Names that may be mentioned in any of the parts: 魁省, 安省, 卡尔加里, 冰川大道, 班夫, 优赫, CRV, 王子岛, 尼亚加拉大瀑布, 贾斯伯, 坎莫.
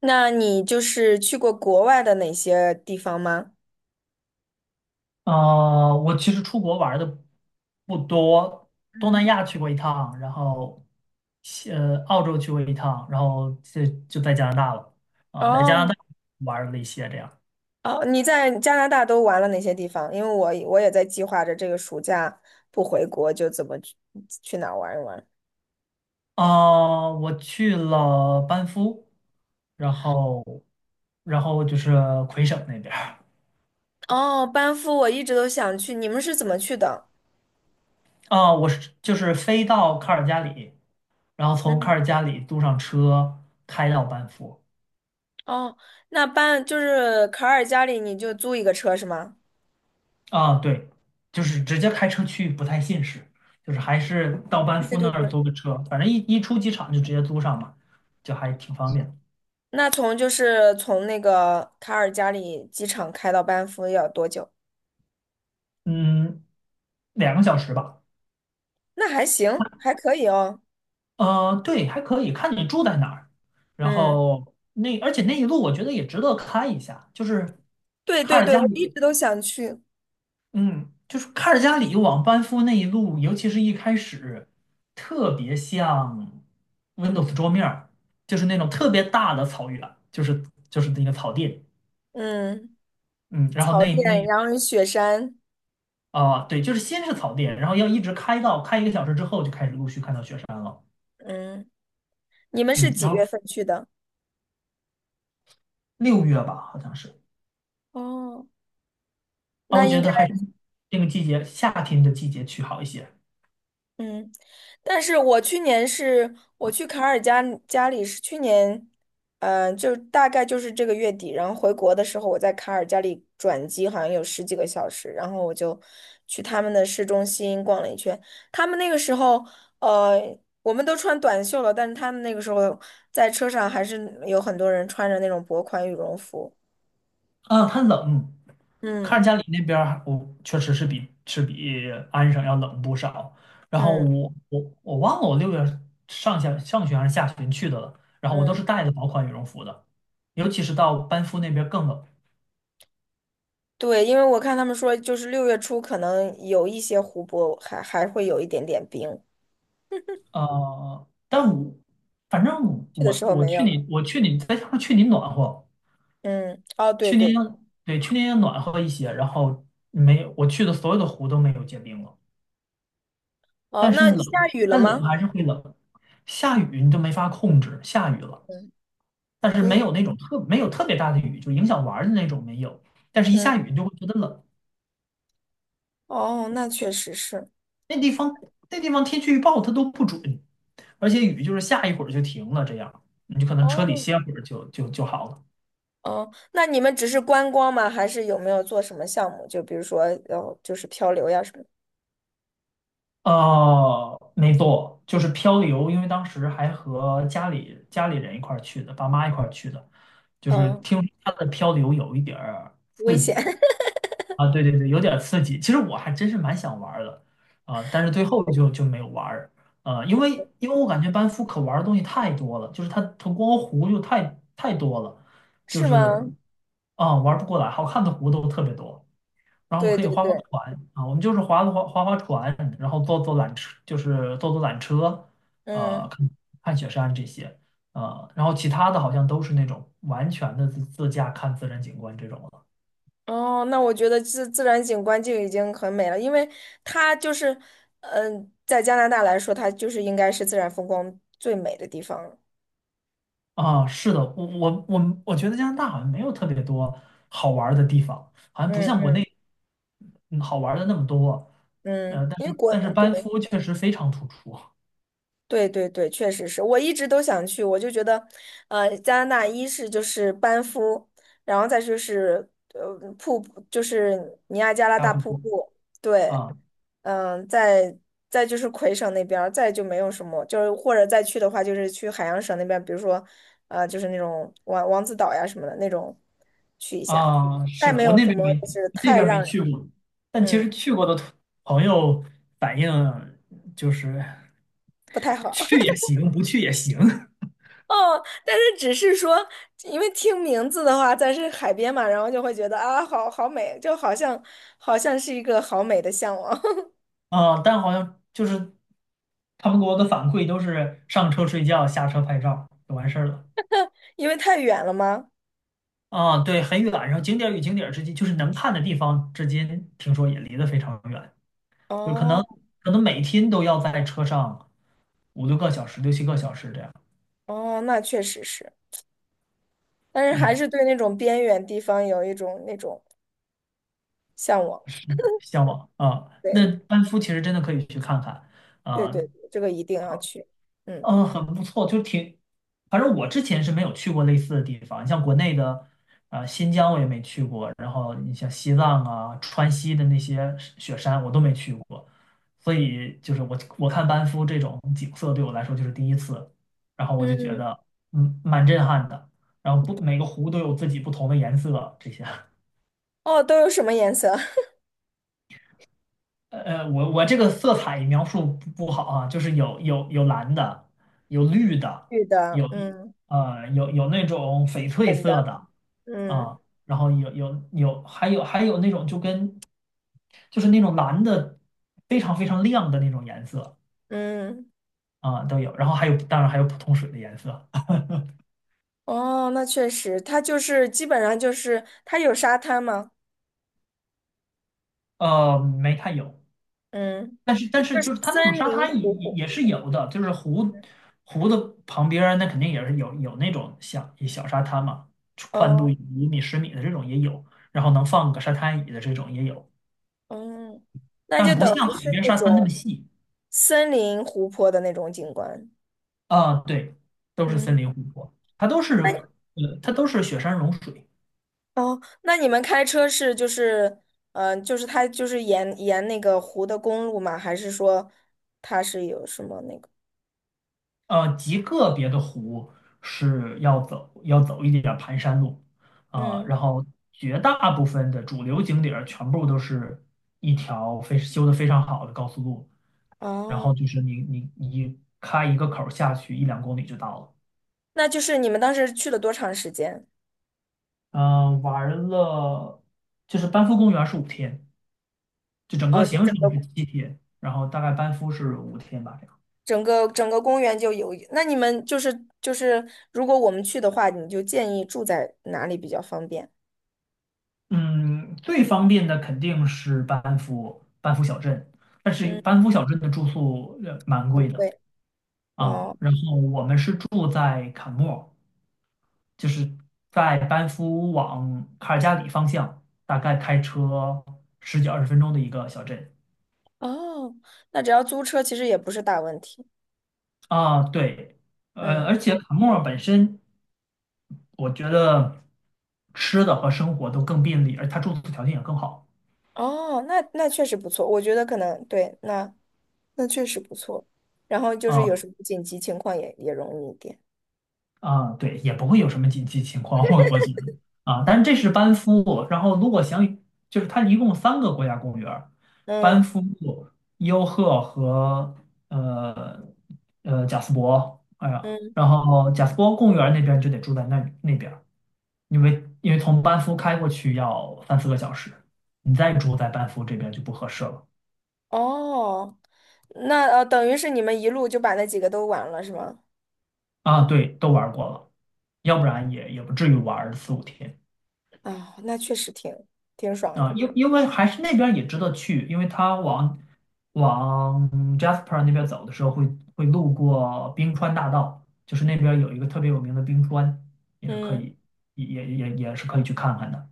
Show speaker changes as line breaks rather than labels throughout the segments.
那你就是去过国外的哪些地方吗？
我其实出国玩的不多，东
嗯。
南亚去过一趟，然后澳洲去过一趟，然后就在加拿大了啊，在加拿
哦
大玩了一些这样
哦，你在加拿大都玩了哪些地方？因为我也在计划着这个暑假不回国，就怎么去哪儿玩一玩。
啊，我去了班夫，然后然后就是魁省那边儿
哦，班夫我一直都想去，你们是怎么去的？
啊，我是就是飞到卡尔加里，然后从卡
嗯。
尔加里租上车开到班夫。
哦，那就是卡尔加里，你就租一个车是吗？
啊，对，就是直接开车去不太现实，就是还是到班
对
夫
对
那儿
对。
租个车，反正一出机场就直接租上嘛，就还挺方便的。
那就是从那个卡尔加里机场开到班夫要多久？
嗯，2个小时吧。
那还行，还可以哦。
对，还可以，看你住在哪儿。然
嗯。
后那而且那一路我觉得也值得开一下，就是
对
卡
对
尔
对，
加
我一
里。
直都想去。
嗯，就是卡尔加里往班夫那一路，尤其是一开始，特别像 Windows 桌面儿就是那种特别大的草原，就是那个草地。
嗯，
嗯，然后
草甸，然后有雪山。
啊、对，就是先是草地，然后要一直开到开1个小时之后，就开始陆续看到雪山了。
嗯，你们是
嗯，
几
然后
月份去的？
六月吧，好像是。
哦，
啊，
那
我
应
觉
该。
得还是那个季节，夏天的季节去好一些。
嗯，但是我去年是我去卡尔加加里是去年，嗯，就大概就是这个月底，然后回国的时候我在卡尔加里转机，好像有十几个小时，然后我就去他们的市中心逛了一圈。他们那个时候，我们都穿短袖了，但是他们那个时候在车上还是有很多人穿着那种薄款羽绒服。
嗯，它冷。看
嗯
着家里那边儿，我确实是比安省要冷不少。然后
嗯
我忘了我六月上旬还是下旬去的了。然后我都
嗯。
是带的薄款羽绒服的，尤其是到班夫那边更冷。
对，因为我看他们说，就是6月初可能有一些湖泊还会有一点点冰，
但我反正
去的
我
时候
我
没
去
有了。
你我去你再加上去年暖和。
嗯。哦，对
去年，
对对。
对，去年也暖和一些。然后没有我去的所有的湖都没有结冰了。
哦，
但是
那下
冷，
雨了
但冷
吗？
还是会冷。下雨你就没法控制，下雨了。
嗯，
但是没
对。
有那种特没有特别大的雨，就影响玩儿的那种没有。但是一
嗯，
下雨你就会觉得冷。
哦，那确实是。
那地方那地方天气预报它都不准，而且雨就是下一会儿就停了，这样你就可能车里
哦
歇会儿就好了。
哦，那你们只是观光吗？还是有没有做什么项目？就比如说，哦，就是漂流呀什么的。
没错，就是漂流。因为当时还和家里人一块儿去的，爸妈一块儿去的，就是
嗯，
听说它的漂流有一点儿刺
危险。
激。啊，对对对，有点刺激。其实我还真是蛮想玩儿的。啊、但是最后就没有玩儿。呃，因为因为我感觉班夫可玩儿的东西太多了，就是它光湖就太多了，就
是
是
吗？
啊、玩儿不过来，好看的湖都特别多。然后
对
可以
对
划划
对。
船啊，我们就是划划船，然后坐坐缆车，就是坐坐缆车。
嗯。
看看雪山这些。然后其他的好像都是那种完全的自驾看自然景观这种。
哦，那我觉得自然景观就已经很美了，因为它就是，嗯，在加拿大来说，它就是应该是自然风光最美的地方了。
啊，是的，我觉得加拿大好像没有特别多好玩儿的地方，好像不
嗯
像国内
嗯
嗯好玩儿的那么多。
嗯，
但
因为
是
国，
但是
对。
班夫确实非常突出
对对对，确实是我一直都想去，我就觉得，加拿大一是就是班夫，然后再就是瀑布，就是尼亚加拉大瀑布，对。
啊
嗯，再就是魁省那边儿，再就没有什么，就是或者再去的话，就是去海洋省那边，比如说，就是那种王子岛呀什么的那种去一下，
啊，
再
是的，
没
我
有
那
什
边
么
没
就是
那
太
边
让
没
人
去过，但其
嗯
实去过的朋友反映就是
不太好。
去也行，不去也行。
哦，但是只是说，因为听名字的话，咱是海边嘛，然后就会觉得啊，好好美，就好像是一个好美的向往。
啊，但好像就是他们给我的反馈都是上车睡觉，下车拍照就完事儿了。
因为太远了吗？
啊，对，很远，然后景点儿与景点儿之间，就是能看的地方之间，听说也离得非常远，就可能
哦
可能每天都要在车上五六个小时、六七个小时这样。
哦，那确实是。但是还
嗯，
是对那种边远地方有一种那种向往。
是向往啊。那
对
班夫其实真的可以去看看
对
啊。
对，这个一定要去。嗯
嗯，很不错，反正我之前是没有去过类似的地方。你像国内的，新疆我也没去过，然后你像西藏啊、川西的那些雪山我都没去过，所以就是我看班夫这种景色对我来说就是第一次。然后我就觉
嗯。
得蛮震撼的。然后不每个湖都有自己不同的颜色，这些。
哦，都有什么颜色？
我这个色彩描述不好啊，就是有蓝的，有绿的，
绿的，
有
嗯。
有那种翡翠
粉的，
色的
嗯
啊，然后有还有那种就是那种蓝的非常非常亮的那种颜色
嗯。
啊都有。然后还有当然还有普通水的颜色。
哦，那确实，它就是基本上就是它有沙滩吗？
没太有。
嗯，
但是
那
但是
就是
就是它那种
森
沙
林
滩也
湖
也
泊。
也是有的，就是湖的旁边儿那肯定也是有那种小小沙滩嘛，宽度
嗯
一米十米的这种也有，然后能放个沙滩椅的这种也有，
嗯。那就
但不
等
像
于
海
是
边
那
沙滩那么
种
细。
森林湖泊的那种景观。
啊，对，都是
嗯，
森林湖泊，
那
它都是雪山融水。
哦，那你们开车是就是，嗯，就是它就是沿那个湖的公路吗？还是说它是有什么那个？
极个别的湖是要走一点儿盘山路啊。
嗯，
然后绝大部分的主流景点儿全部都是一条非修得非常好的高速路，然后
哦，
就是你开一个口儿下去一两公里就到了。
那就是你们当时去了多长时间？
嗯、玩了就是班夫公园是五天，就整
哦，
个
就
行
整
程是
个
7天，然后大概班夫是五天吧。
整个整个公园就有。那你们就是，如果我们去的话，你就建议住在哪里比较方便？
嗯，最方便的肯定是班夫小镇，但是班夫小镇的住宿蛮贵的
对，
啊。
哦
然后我们是住在坎莫，就是在班夫往卡尔加里方向，大概开车十几二十分钟的一个小镇。
哦，那只要租车其实也不是大问题。
啊。对。
嗯，
而且坎莫本身，我觉得吃的和生活都更便利，而它住宿条件也更好。
哦，那确实不错，我觉得可能对，那确实不错。然后就是有
啊。
什么紧急情况也容易一点。
啊，对，也不会有什么紧急情况，我觉得啊。但是这是班夫，然后如果想就是它一共3个国家公园儿，班
嗯
夫、优赫和呃贾斯伯，哎呀，
嗯。
然后贾斯伯公园儿那边儿就得住在那边儿。因为从班夫开过去要三四个小时，你再住在班夫这边就不合适了。
哦，那等于是你们一路就把那几个都玩了是吗？
啊，对，都玩儿过了，要不然也不至于玩儿四五天。
啊，那确实挺爽
啊，
的。
因为还是那边儿也值得去，因为它往 Jasper 那边走的时候会路过冰川大道，就是那边儿有一个特别有名的冰川，也是可
嗯，
以也是可以去看看的。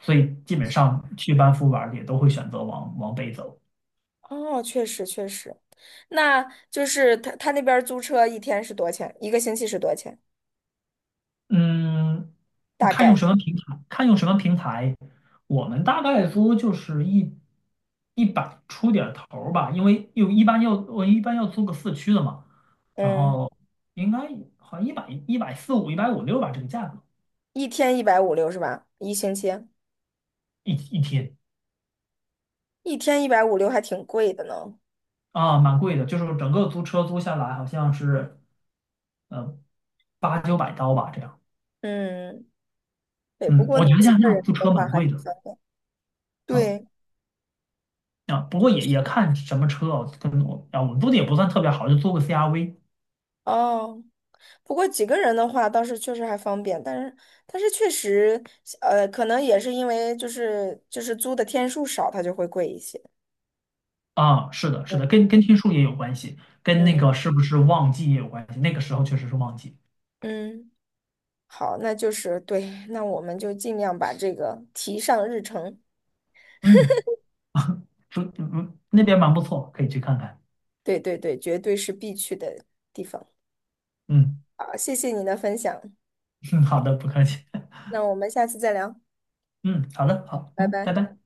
所以基本上去班夫玩儿的也都会选择往北走。
哦，确实确实，那就是他那边儿租车一天是多少钱？一个星期是多少钱？
嗯，
大
看用
概，
什么平台，看用什么平台，我们大概租就是一百出点儿头儿吧，因为又一般要我一般要租个四驱的嘛，然
嗯。
后应该好像一百四五、一百五六吧，这个价格
一天一百五六是吧？一星期
一天。
一天一百五六还挺贵的呢。
啊，蛮贵的，就是整个租车租下来好像是呃八九百刀吧，这样。
嗯，对，不
嗯，
过
我
那
觉得
几
加
个
拿大
人
租
的
车
话
蛮
还
贵
挺
的。
方便。对，
啊。啊，不过也看什么车哦，跟我啊，我们租的也不算特别好，就租个 CRV。
哦，不过几个人的话倒是确实还方便，但是确实，可能也是因为就是租的天数少，它就会贵一些。
啊，是的，是的，跟
嗯
天数也有关系，跟那
嗯
个是不是旺季也有关系。那个时候确实是旺季。
嗯。好，那就是对，那我们就尽量把这个提上日程。
嗯嗯，那边蛮不错，可以去看看。
对对对，绝对是必去的地方。
嗯，
好，谢谢你的分享，
嗯，好的，不客气。
那我们下次再聊。
嗯，好的，好，
拜
嗯，
拜。
拜拜。